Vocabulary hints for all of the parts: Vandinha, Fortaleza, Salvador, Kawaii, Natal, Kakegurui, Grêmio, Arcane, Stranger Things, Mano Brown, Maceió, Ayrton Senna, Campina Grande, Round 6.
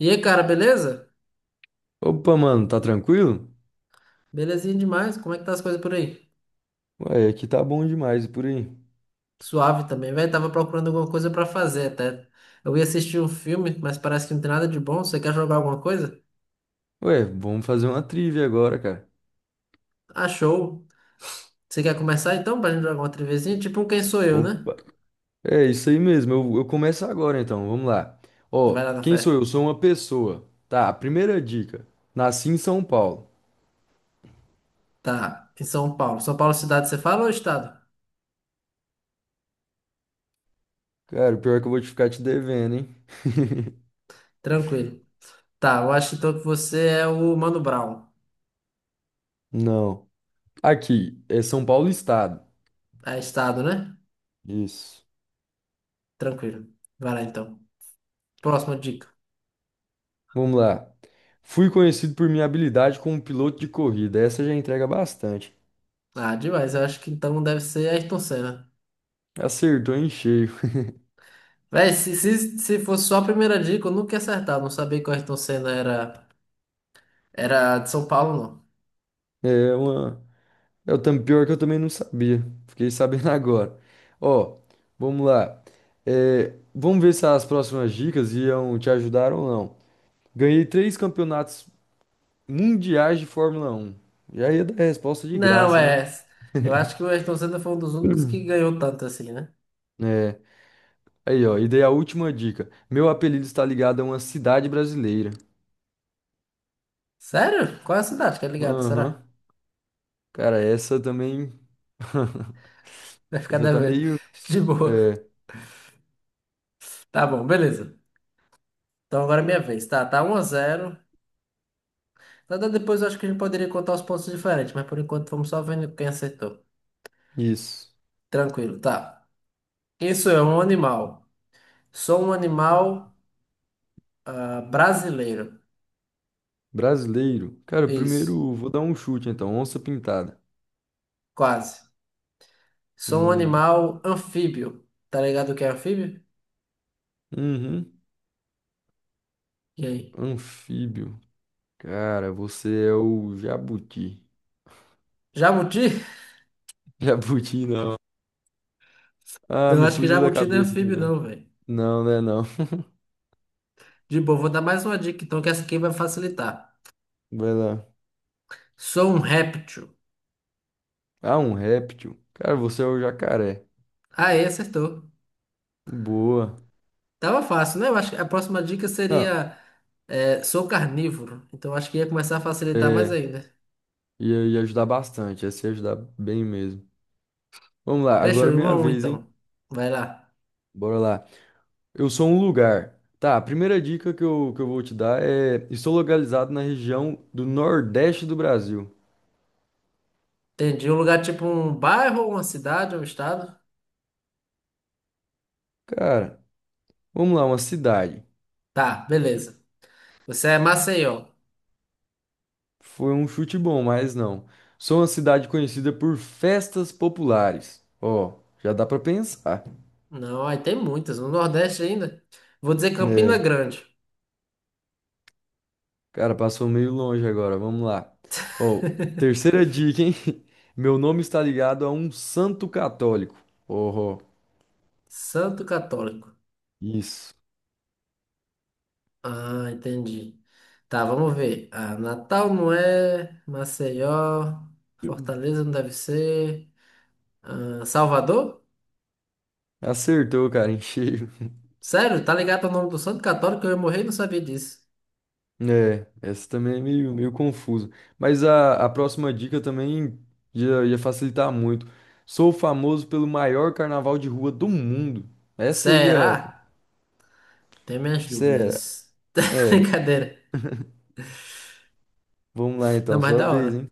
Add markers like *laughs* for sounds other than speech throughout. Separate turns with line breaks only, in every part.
E aí, cara, beleza?
Opa, mano, tá tranquilo?
Belezinha demais. Como é que tá as coisas por aí?
Ué, aqui tá bom demais e por aí.
Suave também, velho. Tava procurando alguma coisa pra fazer até. Eu ia assistir um filme, mas parece que não tem nada de bom. Você quer jogar alguma coisa?
Ué, vamos fazer uma trivia agora, cara.
Ah, show. Você quer começar então pra gente jogar uma trivezinha? Tipo um Quem Sou Eu, né?
Opa. É isso aí mesmo, eu começo agora então, vamos lá.
Vai
Ó,
lá na
quem
fé.
sou eu? Sou uma pessoa. Tá, a primeira dica. Nasci em São Paulo.
Tá, em São Paulo. São Paulo é cidade você fala ou é estado?
Cara, o pior é que eu vou te ficar te devendo, hein?
Tranquilo. Tá, eu acho então que você é o Mano Brown.
Não. Aqui, é São Paulo Estado.
É estado, né?
Isso.
Tranquilo. Vai lá então. Próxima dica.
Vamos lá. Fui conhecido por minha habilidade como piloto de corrida. Essa já entrega bastante.
Ah, demais. Eu acho que então deve ser Ayrton Senna.
Acertou em cheio. *laughs*
Véi, se fosse só a primeira dica, eu nunca ia acertar. Eu não sabia que o Ayrton Senna era de São Paulo, não.
É uma. É o pior que eu também não sabia. Fiquei sabendo *laughs* agora. Ó, vamos lá. É, vamos ver se as próximas dicas iam te ajudar ou não. Ganhei três campeonatos mundiais de Fórmula 1. Já ia dar a resposta de
Não,
graça, né?
é. Eu acho que o Ayrton Senna foi um dos únicos que
*clears throat*
ganhou tanto assim, né?
É. Aí, ó, e dei a última dica. Meu apelido está ligado a uma cidade brasileira.
Sério? Qual é a cidade que é ligada? Será?
Aham. Cara, essa também. *laughs*
*laughs* Vai ficar
Essa tá
devendo.
meio.
*laughs* De boa.
É,
Tá bom, beleza. Então agora é minha vez. Tá, tá 1-0. Nada, depois eu acho que a gente poderia contar os pontos diferentes, mas por enquanto vamos só vendo quem acertou.
isso.
Tranquilo, tá. Isso é um animal. Sou um animal, ah, brasileiro.
Brasileiro. Cara,
Isso.
primeiro vou dar um chute então. Onça pintada.
Quase. Sou um
Hum,
animal anfíbio. Tá ligado o que é anfíbio?
uhum.
E aí?
Anfíbio. Cara, você é o jabuti.
Jabuti?
*laughs* Jabuti não.
*laughs*
Ah,
Eu
me
acho que
fugiu da
jabuti não é
cabeça aqui,
anfíbio,
cara.
não, velho.
Não, né, não.
De boa, vou dar mais uma dica, então, que essa aqui vai facilitar.
*laughs* Vai lá.
Sou um réptil.
Ah, um réptil. Cara, você é o jacaré.
Aí, acertou.
Boa.
Tava fácil, né? Eu acho que a próxima dica
Não,
seria, é, sou carnívoro. Então, acho que ia começar a facilitar mais
é.
ainda.
Ia ajudar bastante. Ia se ajudar bem mesmo. Vamos lá,
Fechou,
agora é
um a
minha
um,
vez,
então.
hein?
Vai lá.
Bora lá. Eu sou um lugar. Tá, a primeira dica que eu vou te dar é: estou localizado na região do Nordeste do Brasil.
Entendi. Um lugar tipo um bairro, uma cidade, um estado?
Cara, vamos lá, uma cidade.
Tá, beleza. Você é Maceió.
Foi um chute bom, mas não. Sou uma cidade conhecida por festas populares. Ó, já dá pra pensar.
Não, aí tem muitas. No Nordeste ainda. Vou dizer Campina
É,
Grande.
cara, passou meio longe agora, vamos lá. Ó, terceira dica, hein? *laughs* Meu nome está ligado a um santo católico. Oh,
Santo Católico.
isso.
Ah, entendi. Tá, vamos ver. Ah, Natal não é. Maceió. Fortaleza não deve ser. Ah, Salvador?
Acertou, cara, em cheio.
Sério? Tá ligado ao nome do Santo Católico? Eu ia morrer e não sabia disso.
É, essa também é meio, meio confusa. Mas a próxima dica também ia facilitar muito. Sou famoso pelo maior carnaval de rua do mundo. Essa ia.
Será? Tem minhas
Será?
dúvidas.
É,
*laughs*
é,
Brincadeira.
vamos lá
Não,
então,
mas
sua
da
vez,
hora.
hein?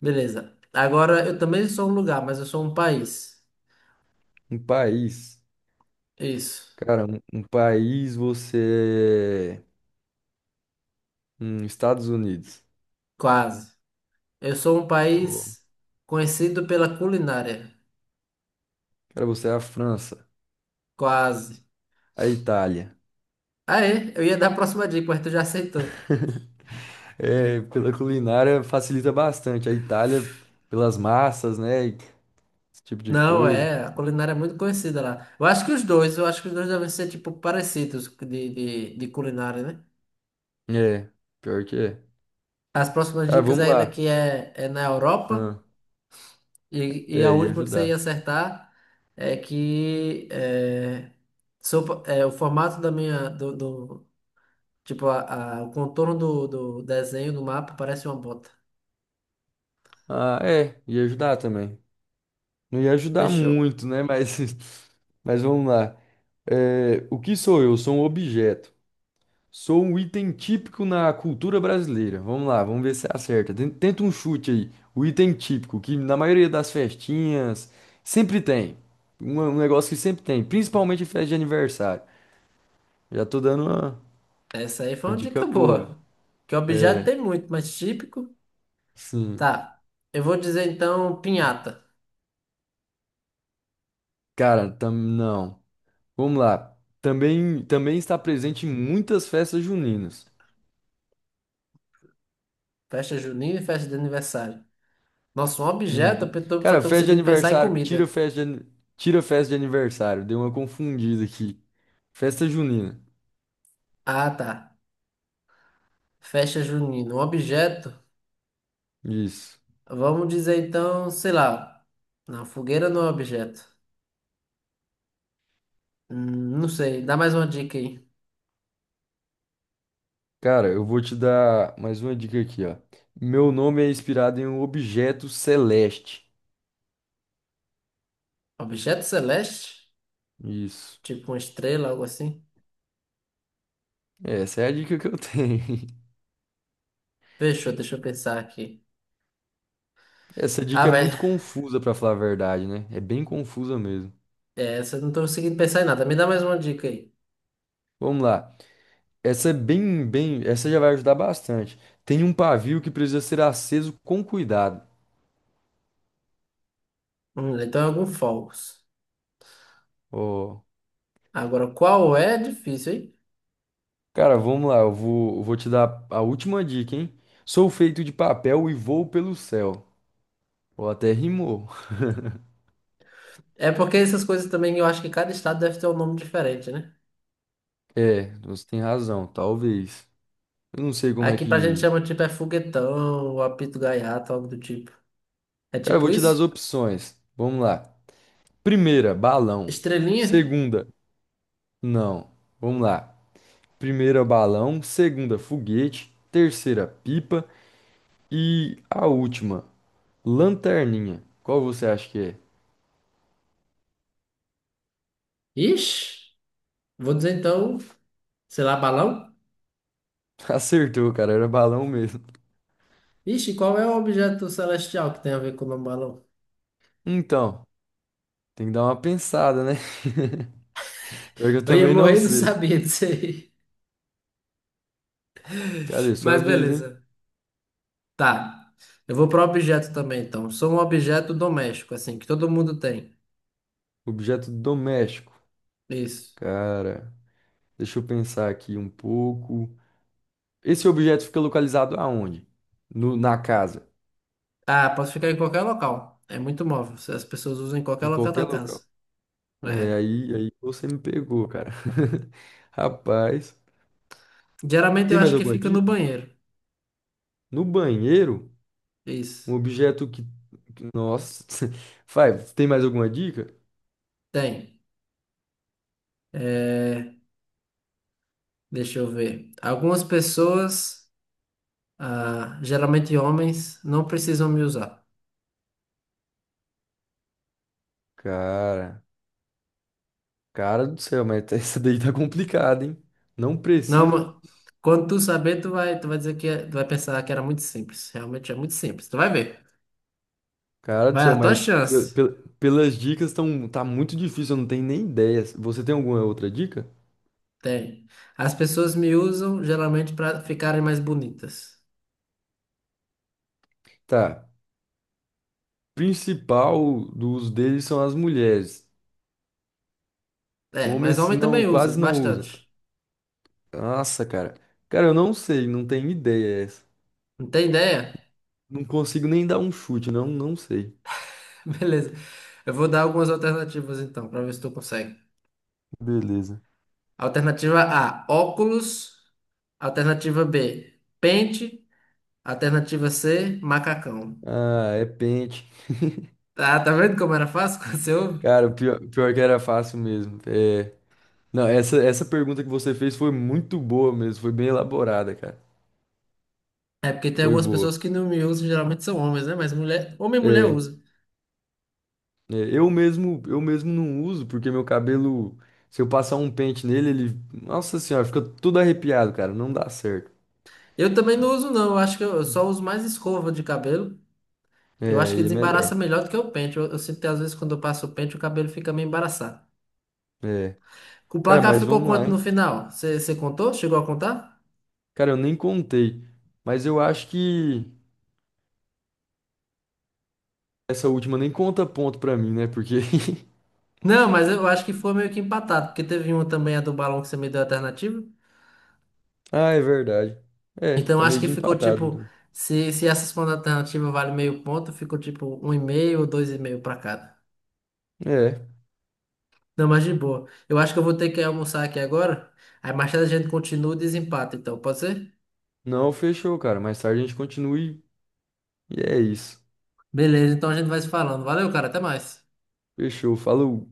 Beleza. Agora, eu também sou um lugar, mas eu sou um país.
Um país.
Isso.
Cara, um país você é. Estados Unidos.
Quase. Eu sou um
Pô,
país conhecido pela culinária.
cara, você é a França.
Quase.
A Itália.
Ah, é? Eu ia dar a próxima dica, mas tu já aceitou.
*laughs* É, pela culinária facilita bastante. A Itália, pelas massas, né, e esse tipo de
Não,
coisa.
é. A culinária é muito conhecida lá. Eu acho que os dois, devem ser, tipo, parecidos de culinária, né?
É, pior que é.
As próximas
Cara,
dicas
vamos
ainda
lá.
que é na Europa.
Ah,
E a
é, ia
última que você ia
ajudar.
acertar é que é, é, o formato da minha. Tipo, o contorno do desenho do mapa parece uma bota.
Ah, é, ia ajudar também. Não ia ajudar
Fechou.
muito, né? Mas, *laughs* mas vamos lá. É, o que sou eu? Sou um objeto. Sou um item típico na cultura brasileira. Vamos lá, vamos ver se acerta. Tenta um chute aí. O item típico, que na maioria das festinhas sempre tem. Um negócio que sempre tem, principalmente em festa de aniversário. Já tô dando uma,
Essa aí foi
uma
uma
dica
dica
boa.
boa. Que objeto
É,
tem muito, mas típico.
sim.
Tá. Eu vou dizer então pinhata.
Cara, não. Vamos lá. Também está presente em muitas festas juninas.
Festa junina e festa de aniversário. Nossa, um objeto,
Uhum.
eu só
Cara,
tô
festa de
conseguindo pensar em
aniversário. Tira
comida.
festa de, tira festa de aniversário. Deu uma confundida aqui. Festa junina.
Ah, tá. Festa junina, um objeto.
Isso.
Vamos dizer então, sei lá. Não, fogueira não é objeto. Não sei, dá mais uma dica aí.
Cara, eu vou te dar mais uma dica aqui, ó. Meu nome é inspirado em um objeto celeste.
Objeto celeste?
Isso.
Tipo uma estrela, algo assim?
Essa é a dica que eu tenho. *laughs*
Fechou, deixa eu pensar aqui.
Essa
Ah,
dica é
velho,
muito confusa, pra falar a verdade, né? É bem confusa mesmo.
é, essa eu não tô conseguindo pensar em nada. Me dá mais uma dica aí.
Vamos lá. Essa é bem, essa já vai ajudar bastante. Tem um pavio que precisa ser aceso com cuidado.
Então é algum falso.
Ó,
Agora, qual é? É difícil, hein?
cara, vamos lá, eu vou te dar a última dica, hein? Sou feito de papel e voo pelo céu. Ou até rimou.
É porque essas coisas também eu acho que cada estado deve ter um nome diferente, né?
É, você tem razão, talvez. Eu não sei como é
Aqui pra gente
que.
chama tipo é foguetão, ou apito gaiato, algo do tipo. É
Cara, eu
tipo
vou te dar as
isso?
opções. Vamos lá. Primeira, balão.
Estrelinha?
Segunda, não. Vamos lá. Primeira, balão. Segunda, foguete. Terceira, pipa. E a última. Lanterninha. Qual você acha que é?
Ixi, vou dizer então, sei lá, balão?
*laughs* Acertou, cara. Era balão mesmo.
Ixi, qual é o objeto celestial que tem a ver com o nome balão?
Então, tem que dar uma pensada, né? *laughs* Pior que eu
Eu ia
também não
morrer e não
sei.
sabia disso aí.
Cadê?
*laughs*
Sua
Mas
vez, hein?
beleza. Tá. Eu vou pro objeto também, então. Sou um objeto doméstico, assim, que todo mundo tem.
Objeto doméstico.
Isso.
Cara, deixa eu pensar aqui um pouco. Esse objeto fica localizado aonde? No, na casa.
Ah, posso ficar em qualquer local. É muito móvel. Se As pessoas usam em qualquer
Em
local
qualquer
da
local.
casa.
É,
É.
aí você me pegou, cara. *laughs* Rapaz.
Geralmente eu
Tem mais
acho que
alguma
fica no
dica?
banheiro.
No banheiro?
Isso.
Um objeto que. Nossa. *laughs* Vai, tem mais alguma dica?
Tem. É, deixa eu ver. Algumas pessoas, ah, geralmente homens, não precisam me usar.
Cara. Cara do céu, mas *laughs* essa daí tá complicada, hein? Não
Não,
precisam.
quando tu saber, tu vai dizer que é, tu vai pensar que era muito simples. Realmente é muito simples. Tu vai ver.
Cara do
Vai,
céu,
a tua
mas
chance.
pelas dicas tão, tá muito difícil, eu não tenho nem ideia. Você tem alguma outra dica?
Tem. As pessoas me usam geralmente para ficarem mais bonitas.
Tá. Principal do uso deles são as mulheres.
É, mas
Homens
homem também
não,
usa
quase não usam.
bastante.
Nossa, cara. Cara, eu não sei, não tenho ideia essa.
Não tem ideia?
Não consigo nem dar um chute, não, não sei.
*laughs* Beleza. Eu vou dar algumas alternativas então, para ver se tu consegue.
Beleza.
Alternativa A, óculos. Alternativa B, pente. Alternativa C, macacão.
Ah, é pente.
Tá, tá vendo como era fácil *laughs* quando você ouve?
Cara, o pior que era fácil mesmo. É. Não, essa pergunta que você fez foi muito boa mesmo, foi bem elaborada, cara.
É porque tem
Foi
algumas
boa.
pessoas que não me usam, geralmente são homens, né? Mas mulher, homem e mulher
É,
usa.
eu mesmo não uso, porque meu cabelo, se eu passar um pente nele, ele, nossa senhora, fica tudo arrepiado, cara, não dá certo.
Eu também não uso, não. Eu acho que eu só uso mais escova de cabelo. Eu acho
É,
que
e é
desembaraça
melhor.
melhor do que o pente. Eu sinto que às vezes quando eu passo o pente, o cabelo fica meio embaraçado.
É.
O
Cara,
placar
mas
ficou
vamos lá,
quanto no
hein?
final? Você contou? Chegou a contar?
Cara, eu nem contei, mas eu acho que essa última nem conta ponto pra mim, né? Porque
Não, mas eu acho que foi meio que empatado, porque teve uma também, a do balão, que você me deu a alternativa.
*laughs* Ah, é verdade. É,
Então
tá
acho
meio
que
que
ficou
empatado,
tipo,
então.
se essa segunda alternativa vale meio ponto, ficou tipo um e meio ou dois e meio pra cada.
É.
Não, mas de boa. Eu acho que eu vou ter que almoçar aqui agora. Aí mais tarde a gente continua o desempate, então, pode ser?
Não, fechou, cara. Mais tarde a gente continue. E é isso.
Beleza, então a gente vai se falando. Valeu, cara, até mais.
Fechou. Falou.